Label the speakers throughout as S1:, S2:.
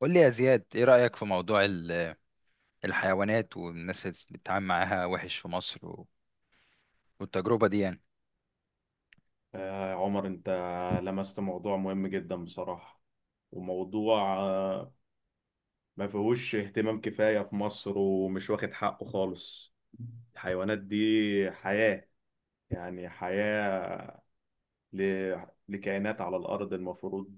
S1: قول لي يا زياد، ايه رأيك في موضوع الحيوانات والناس اللي بتتعامل معاها وحش في مصر والتجربة دي؟ يعني
S2: آه، عمر، انت لمست موضوع مهم جدا بصراحة. وموضوع ما فيهوش اهتمام كفاية في مصر ومش واخد حقه خالص. الحيوانات دي حياة، يعني حياة ل... لكائنات على الأرض المفروض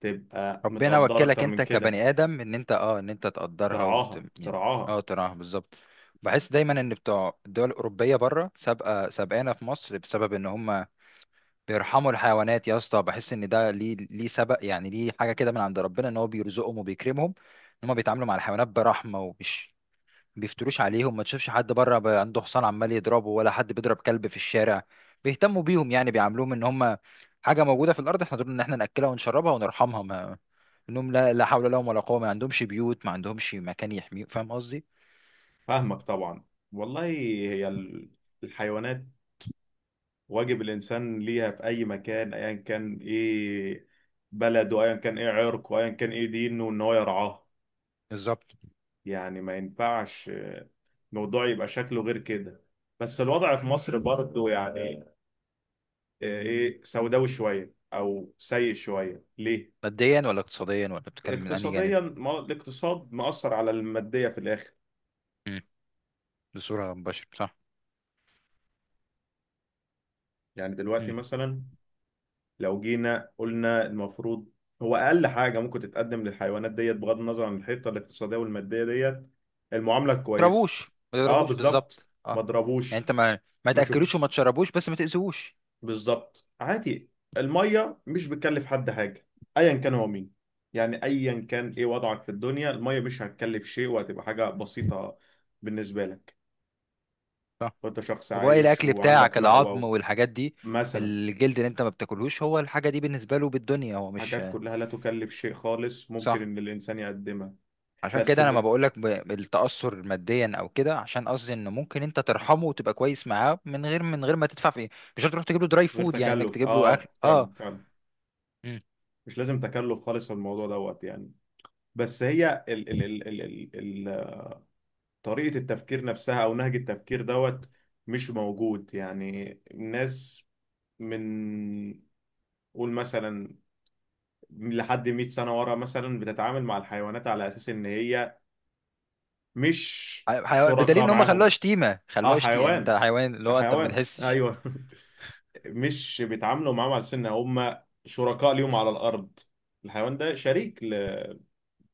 S2: تبقى
S1: ربنا
S2: متقدرة
S1: وكلك
S2: أكتر
S1: انت
S2: من كده.
S1: كبني آدم ان انت تقدرها
S2: ترعاها
S1: يعني، اه
S2: ترعاها.
S1: تراها بالظبط. بحس دايما ان بتوع الدول الأوروبية بره سابقة سابقانا في مصر، بسبب ان هم بيرحموا الحيوانات يا اسطى. بحس ان ده ليه سبق، يعني ليه حاجة كده من عند ربنا، ان هو بيرزقهم وبيكرمهم ان هم بيتعاملوا مع الحيوانات برحمة ومش بيفتروش عليهم. ما تشوفش حد بره عنده حصان عمال يضربه، ولا حد بيضرب كلب في الشارع. بيهتموا بيهم، يعني بيعاملوهم ان هم حاجه موجوده في الارض. احنا دول ان احنا ناكلها ونشربها ونرحمها، ما انهم لا لا حول لهم ولا قوه، ما عندهمش بيوت، ما عندهمش مكان يحميهم. فاهم قصدي؟
S2: فاهمك طبعا. والله هي الحيوانات، واجب الانسان ليها في اي مكان، ايا كان ايه بلده، ايا كان ايه عرقه، ايا كان ايه دينه ان هو يرعاه.
S1: بالظبط.
S2: يعني ما ينفعش الموضوع يبقى شكله غير كده. بس الوضع في مصر برضه يعني ايه سوداوي شويه او سيء شويه ليه.
S1: ماديا ولا اقتصاديا، ولا بتتكلم من انهي جانب؟
S2: اقتصاديا، ما هو الاقتصاد مأثر على الماديه في الاخر.
S1: امم. بصوره مباشره، صح.
S2: يعني
S1: امم.
S2: دلوقتي
S1: ما
S2: مثلا لو جينا قلنا المفروض، هو اقل حاجه ممكن تتقدم للحيوانات ديت، بغض النظر عن الحته الاقتصاديه والماديه ديت، المعامله الكويسه.
S1: تضربوش، ما
S2: اه
S1: تضربوش،
S2: بالظبط،
S1: بالظبط.
S2: ما
S1: اه، يعني
S2: اضربوش.
S1: انت ما
S2: ما شوف.
S1: تاكلوش وما تشربوش، بس ما تاذوش.
S2: بالظبط عادي. الميه مش بتكلف حد حاجه، ايا كان هو مين. يعني ايا كان ايه وضعك في الدنيا، الميه مش هتكلف شيء، وهتبقى حاجه بسيطه بالنسبه لك وانت شخص
S1: وباقي
S2: عايش
S1: الاكل
S2: وعندك
S1: بتاعك، العظم
S2: مأوى.
S1: والحاجات دي،
S2: مثلا.
S1: الجلد اللي انت ما بتاكلهوش، هو الحاجه دي بالنسبه له بالدنيا، هو مش.
S2: حاجات كلها لا تكلف شيء خالص، ممكن
S1: صح.
S2: ان الانسان يقدمها.
S1: عشان
S2: بس
S1: كده انا ما
S2: م...
S1: بقولك بالتاثر ماديا او كده، عشان قصدي ان ممكن انت ترحمه وتبقى كويس معاه من غير ما تدفع فيه. مش هتروح تجيب له دراي
S2: غير
S1: فود، يعني انك
S2: تكلف،
S1: تجيب له اكل.
S2: اه
S1: اه
S2: فعلا فعلا.
S1: مم.
S2: مش لازم تكلف خالص في الموضوع دوت يعني. بس هي ال ال ال ال ال ال طريقة التفكير نفسها او نهج التفكير دوت مش موجود. يعني الناس من قول مثلا لحد 100 سنة ورا، مثلا بتتعامل مع الحيوانات على اساس ان هي مش
S1: بدليل
S2: شركاء
S1: ان هم خلوها
S2: معاهم.
S1: شتيمه،
S2: اه
S1: خلوها شتيمه، يعني انت
S2: حيوان،
S1: حيوان، اللي
S2: ده
S1: هو انت ما
S2: حيوان
S1: بتحسش
S2: ايوه مش بيتعاملوا معاهم على سن هم شركاء ليهم على الارض. الحيوان ده شريك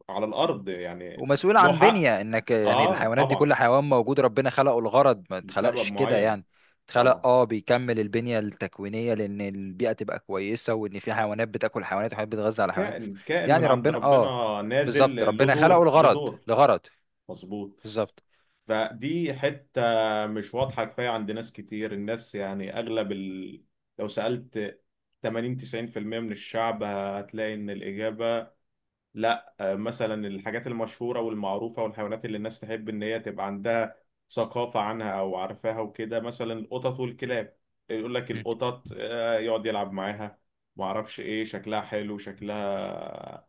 S2: على الارض يعني.
S1: ومسؤول
S2: له
S1: عن
S2: حق.
S1: بنية انك، يعني
S2: اه
S1: الحيوانات دي،
S2: طبعا،
S1: كل حيوان موجود ربنا خلقه، الغرض ما
S2: لسبب
S1: اتخلقش كده
S2: معين.
S1: يعني.
S2: طبعا.
S1: اتخلق، بيكمل البنية التكوينية لان البيئة تبقى كويسة، وان في حيوانات بتاكل حيوانات، وحيوانات بتغذى على حيوانات.
S2: كائن كائن من
S1: يعني
S2: عند
S1: ربنا،
S2: ربنا
S1: بالظبط،
S2: نازل، له
S1: ربنا خلقه
S2: دور له
S1: الغرض
S2: دور.
S1: لغرض.
S2: مظبوط.
S1: بالظبط.
S2: فدي حتة مش واضحة كفاية عند ناس كتير. الناس يعني لو سألت 80-90% من الشعب هتلاقي ان الاجابة لا مثلا الحاجات المشهورة والمعروفة والحيوانات اللي الناس تحب إن هي تبقى عندها ثقافة عنها أو عارفاها وكده، مثلا القطط والكلاب. يقول لك
S1: م-
S2: القطط يقعد يلعب معاها، معرفش إيه شكلها حلو، شكلها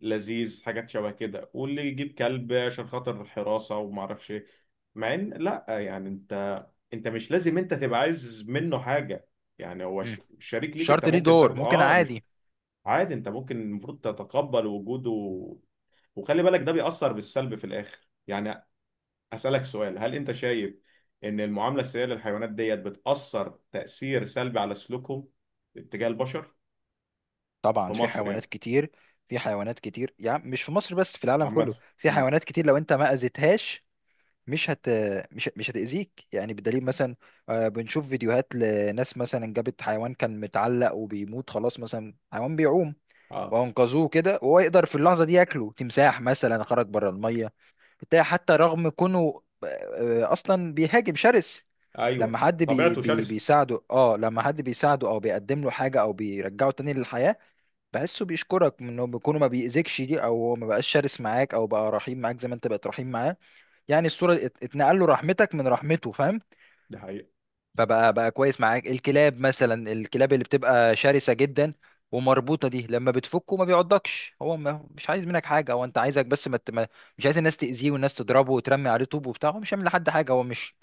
S2: لذيذ، حاجات شبه كده. واللي يجيب كلب عشان خاطر الحراسة ومعرفش إيه، مع إن لا يعني أنت، أنت مش لازم أنت تبقى عايز منه حاجة. يعني هو
S1: م.
S2: شريك ليك، أنت
S1: الشرط ليه
S2: ممكن
S1: دور،
S2: تاخده
S1: ممكن
S2: مش.
S1: عادي.
S2: عادي انت ممكن المفروض تتقبل وجوده. وخلي بالك ده بيأثر بالسلب في الآخر يعني. أسألك سؤال: هل انت شايف ان المعاملة السيئة للحيوانات ديت بتأثر تأثير سلبي على سلوكهم اتجاه البشر في
S1: طبعا، في
S2: مصر
S1: حيوانات
S2: يعني؟
S1: كتير. في حيوانات كتير، يعني مش في مصر بس، في العالم كله
S2: عامة.
S1: في
S2: امم.
S1: حيوانات كتير، لو انت ما اذيتهاش مش هت مش مش هتأذيك. يعني بدليل مثلا، بنشوف فيديوهات لناس مثلا جابت حيوان كان متعلق وبيموت خلاص، مثلا حيوان بيعوم
S2: اه
S1: وأنقذوه كده، وهو يقدر في اللحظة دي ياكله تمساح مثلا، خرج بره المية بتاع، حتى رغم كونه، أصلا بيهاجم، شرس.
S2: ايوه، طبيعته شرسة.
S1: لما حد بيساعده، او بيقدم له حاجه، او بيرجعه تاني للحياه، بحسه بيشكرك، من انه بيكونه ما بيأذكش دي، او هو ما بقاش شرس معاك، او بقى رحيم معاك زي ما انت بقيت رحيم معاه. يعني الصورة اتنقل له، رحمتك من رحمته، فاهم؟
S2: دي حقيقة.
S1: فبقى كويس معاك. الكلاب مثلا، الكلاب اللي بتبقى شرسة جدا ومربوطة دي، لما بتفكه ما بيعضكش. هو ما مش عايز منك حاجة، هو انت عايزك بس ما ت- ما- مش عايز الناس تأذيه، والناس تضربه وترمي عليه طوب وبتاع. هو مش هيعمل لحد حاجة، هو مش.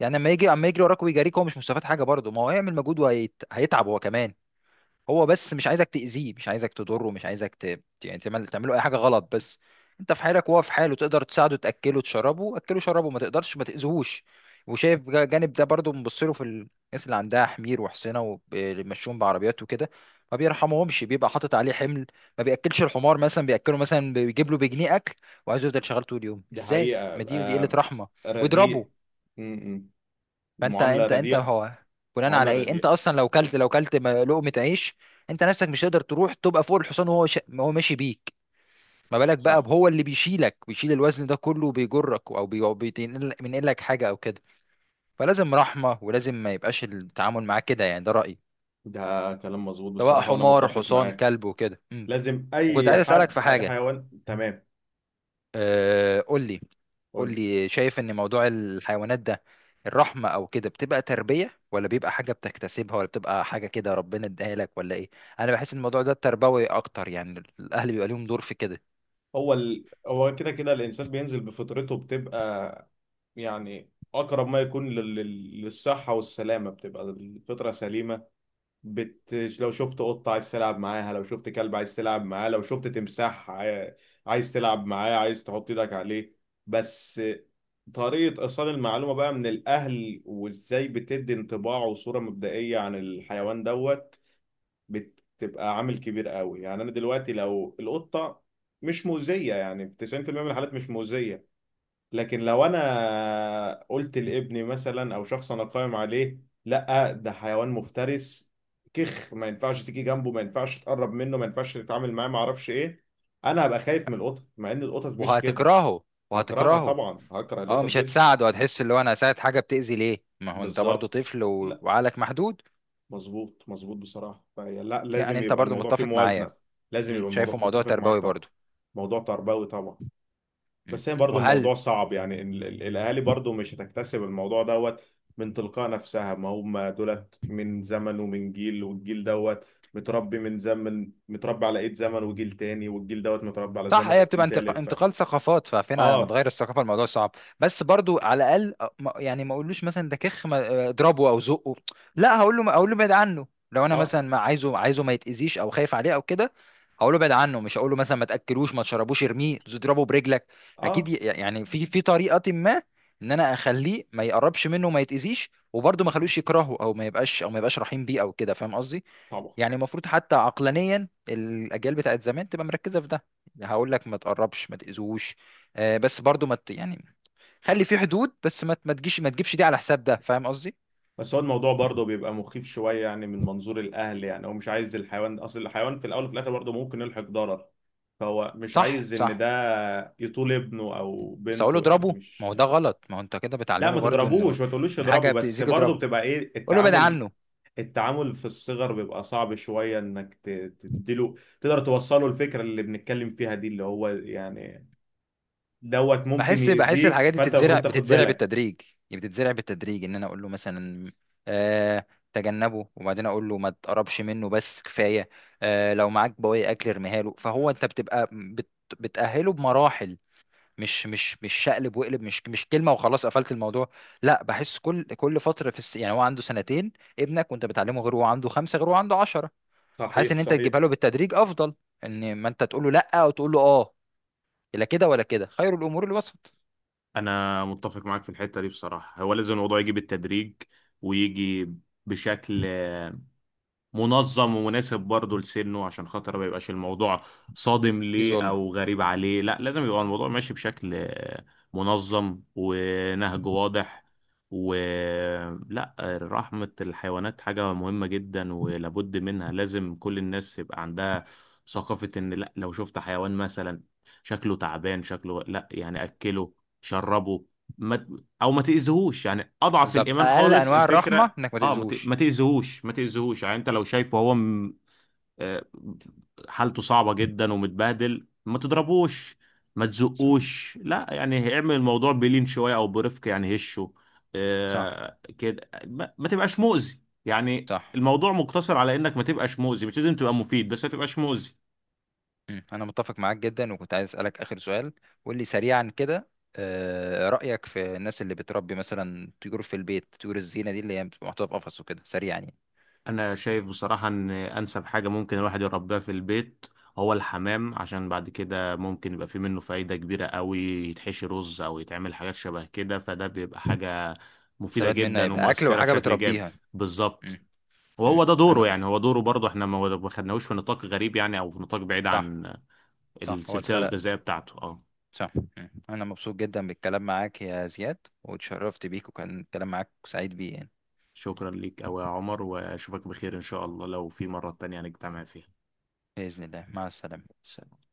S1: يعني لما يجي اما يجري وراك ويجاريك، هو مش مستفاد حاجة برضه. ما هو هيعمل مجهود وهيتعب هو كمان. هو بس مش عايزك تأذيه، مش عايزك تضره، مش عايزك يعني تعمله أي حاجة غلط. بس أنت في حالك وهو في حاله، تقدر تساعده تأكله تشربه، أكله شربه، ما تقدرش، ما تأذيهوش. وشايف جانب ده برضه بنبص له في الناس اللي عندها حمير وحصينة وبيمشون بعربيات وكده، ما بيرحمهمش، بيبقى حاطط عليه حمل. ما بيأكلش الحمار مثلا، بيأكله مثلا، بيجيب له بجنيه أكل، وعايزه يفضل شغال طول اليوم.
S2: دي
S1: إزاي؟ ما
S2: حقيقة.
S1: دي قلة
S2: آم.
S1: رحمة. ويضربه.
S2: رديء. امم.
S1: فانت
S2: المعاملة
S1: انت انت
S2: رديئة.
S1: هو، بناء
S2: معاملة
S1: على ايه انت
S2: رديئة.
S1: اصلا؟ لو كلت لقمه عيش. انت نفسك مش هتقدر تروح تبقى فوق الحصان وهو وهو ماشي بيك. ما بالك بقى
S2: صح.
S1: هو اللي بيشيلك، بيشيل الوزن ده كله وبيجرك، او أو بينقل لك حاجه او كده. فلازم رحمه، ولازم ما يبقاش التعامل معاه كده. يعني ده رايي،
S2: ده كلام مظبوط
S1: سواء
S2: بصراحة، وأنا
S1: حمار،
S2: متفق
S1: حصان،
S2: معاك.
S1: كلب، وكده. أمم.
S2: لازم
S1: وكنت
S2: أي
S1: عايز اسالك في
S2: حد، أي
S1: حاجه.
S2: حيوان. تمام.
S1: أه... قول لي قول
S2: قول لي.
S1: لي شايف ان موضوع الحيوانات ده، الرحمة او كده، بتبقى تربية، ولا بيبقى حاجة بتكتسبها، ولا بتبقى حاجة كده ربنا اداها لك، ولا ايه؟ انا بحس ان الموضوع ده تربوي اكتر، يعني الاهل بيبقى ليهم دور في كده.
S2: هو كده كده الانسان بينزل بفطرته، بتبقى يعني اقرب ما يكون للصحه والسلامه. بتبقى الفطره سليمه. بت... لو شفت قطه عايز تلعب معاها، لو شفت كلب عايز تلعب معاه، لو شفت تمساح عايز تلعب معاه، عايز تحط ايدك عليه. بس طريقه ايصال المعلومه بقى من الاهل، وازاي بتدي انطباع وصوره مبدئيه عن الحيوان دوت بتبقى عامل كبير قوي. يعني انا دلوقتي لو القطه مش مؤذيه، يعني في 90% من الحالات مش مؤذيه، لكن لو انا قلت لابني مثلا او شخص انا قائم عليه: لا ده حيوان مفترس، كخ، ما ينفعش تيجي جنبه، ما ينفعش تقرب منه، ما ينفعش تتعامل معاه، ما اعرفش ايه، انا هبقى خايف من القطط، مع ان القطط مش كده.
S1: وهتكرهه
S2: هكرهها
S1: وهتكرهه
S2: طبعا، هكره
S1: اه،
S2: القطط
S1: مش
S2: جدا.
S1: هتساعده، هتحس اللي هو انا هساعد حاجة بتأذي ليه. ما هو انت برضو
S2: بالظبط.
S1: طفل وعقلك محدود.
S2: مظبوط مظبوط بصراحة. فهي لا،
S1: يعني
S2: لازم
S1: انت
S2: يبقى
S1: برضو
S2: الموضوع فيه
S1: متفق معايا؟
S2: موازنة. لازم يبقى الموضوع،
S1: شايفه موضوع
S2: متفق معاك
S1: تربوي
S2: طبعا.
S1: برضو.
S2: موضوع تربوي طبعا.
S1: أمم.
S2: بس هي برضو
S1: وهل؟
S2: الموضوع صعب يعني الأهالي برضو مش هتكتسب الموضوع دوت من تلقاء نفسها. ما هم دولت من زمن ومن جيل، والجيل دوت متربي من زمن، متربي على إيد زمن وجيل تاني، والجيل دوت متربي على
S1: صح.
S2: زمن
S1: هي بتبقى
S2: وجيل تالت،
S1: انتقال ثقافات، ففين على ما
S2: اه
S1: تغير الثقافه، الموضوع صعب. بس برضو على الاقل، يعني ما اقولوش مثلا ده كخ، اضربه او زقه. لا، هقول له ابعد عنه. لو انا
S2: اه
S1: مثلا ما عايزه، عايزه ما يتاذيش، او خايف عليه او كده، هقول له ابعد عنه. مش هقول له مثلا ما تاكلوش، ما تشربوش، ارميه، اضربه برجلك. اكيد،
S2: اه
S1: يعني في طريقه ما، ان انا اخليه ما يقربش منه وما يتاذيش، وبرضه ما اخلوش يكرهه او ما يبقاش، او ما يبقاش رحيم بيه او كده، فاهم قصدي؟
S2: طبعا.
S1: يعني المفروض حتى عقلانيا، الاجيال بتاعت زمان تبقى مركزه في ده. هقول لك ما تقربش، ما تاذوش. بس برضو ما ت- يعني خلي في حدود. بس ما تجيش ما تجيبش دي على حساب ده، فاهم قصدي؟
S2: بس هو الموضوع برضه بيبقى مخيف شوية يعني من منظور الأهل، يعني هو مش عايز الحيوان، أصل الحيوان في الأول وفي الآخر برضه ممكن يلحق ضرر، فهو مش
S1: صح،
S2: عايز إن
S1: صح.
S2: ده يطول ابنه أو
S1: بس اقول له
S2: بنته، يعني
S1: اضربه، ما
S2: مش.
S1: هو ده غلط. ما هو انت كده
S2: لا
S1: بتعلمه
S2: ما
S1: برضو انه
S2: تضربوش، ما تقولوش
S1: ان
S2: يضربه،
S1: حاجه
S2: بس
S1: بتاذيك
S2: برضه
S1: اضربه.
S2: بتبقى إيه
S1: قول له ابعد
S2: التعامل.
S1: عنه.
S2: التعامل في الصغر بيبقى صعب شوية إنك تديله، تقدر توصله الفكرة اللي بنتكلم فيها دي، اللي هو يعني دوت ممكن
S1: بحس الحاجات
S2: يأذيك،
S1: دي
S2: فأنت
S1: بتتزرع
S2: المفروض تاخد
S1: بتتزرع
S2: بالك.
S1: بالتدريج. يعني بتتزرع بالتدريج، ان انا اقول له مثلا، آه تجنبه، وبعدين اقول له ما تقربش منه بس، كفايه. لو معاك بواقي اكل ارميها له. فهو انت بتبقى بت بتاهله بمراحل، مش شقلب وقلب، مش كلمه وخلاص قفلت الموضوع. لا، بحس كل فتره، يعني هو عنده 2 سنين ابنك وانت بتعلمه، غير هو عنده 5، غير هو عنده 10. حاسس
S2: صحيح
S1: ان انت
S2: صحيح.
S1: تجيبها له بالتدريج افضل، ان ما انت تقول له لا او تقول له اه. لا كده ولا كده، خير الامور الوسط.
S2: انا متفق معاك في الحته دي بصراحه. هو لازم الموضوع يجي بالتدريج، ويجي بشكل منظم ومناسب برضه لسنه، عشان خاطر ما يبقاش الموضوع صادم
S1: في
S2: ليه
S1: ظلم.
S2: او غريب عليه. لا لازم يبقى الموضوع ماشي بشكل منظم، ونهج واضح ولا. رحمة الحيوانات حاجة مهمة جدا ولابد منها، لازم كل الناس يبقى عندها ثقافة ان لا، لو شفت حيوان مثلا شكله تعبان، شكله لا يعني اكله شربه ما، او ما تأذيهوش، يعني اضعف
S1: بالظبط،
S2: الايمان
S1: اقل
S2: خالص
S1: انواع الرحمه
S2: الفكرة.
S1: انك ما
S2: اه
S1: تاذوش.
S2: ما تأذيهوش ما تأذيهوش، يعني انت لو شايفه آه، حالته صعبة جدا ومتبهدل، ما تضربوش ما
S1: صح،
S2: تزقوش، لا يعني اعمل الموضوع بلين شوية او برفق يعني هشه.
S1: صح،
S2: آه كده، ما تبقاش مؤذي، يعني
S1: صح.
S2: الموضوع مقتصر على انك ما تبقاش مؤذي، مش لازم تبقى مفيد، بس ما تبقاش مؤذي.
S1: مم. انا متفق معاك جدا. وكنت عايز اسالك اخر سؤال. قول لي سريعا كده. رايك في الناس اللي بتربي مثلا طيور في البيت، طيور الزينه دي اللي هي بتبقى محطوطه في قفص وكده؟ سريعا يعني.
S2: انا شايف بصراحة ان انسب حاجة ممكن الواحد يربيها في البيت هو الحمام، عشان بعد كده ممكن يبقى في منه فايدة كبيرة قوي، يتحشي رز او يتعمل حاجات شبه كده، فده بيبقى حاجة مفيدة
S1: تستفاد منها
S2: جدا
S1: يبقى اكل
S2: ومؤثرة
S1: وحاجه
S2: بشكل ايجابي.
S1: بتربيها.
S2: بالظبط.
S1: مم.
S2: وهو
S1: مم.
S2: ده دوره يعني، هو دوره برضه، احنا ما خدناهوش في نطاق غريب يعني، او في نطاق بعيد
S1: صح.
S2: عن
S1: صح، هو
S2: السلسلة
S1: اتخلق.
S2: الغذائية بتاعته. اه
S1: صح. مم. انا مبسوط جدا بالكلام معاك يا زياد، واتشرفت بيك، وكان الكلام معاك سعيد بيه يعني.
S2: شكرا ليك أوي يا عمر، واشوفك بخير ان شاء الله لو في مرة تانية هنجتمع فيها.
S1: باذن الله، مع السلامه.
S2: سلام.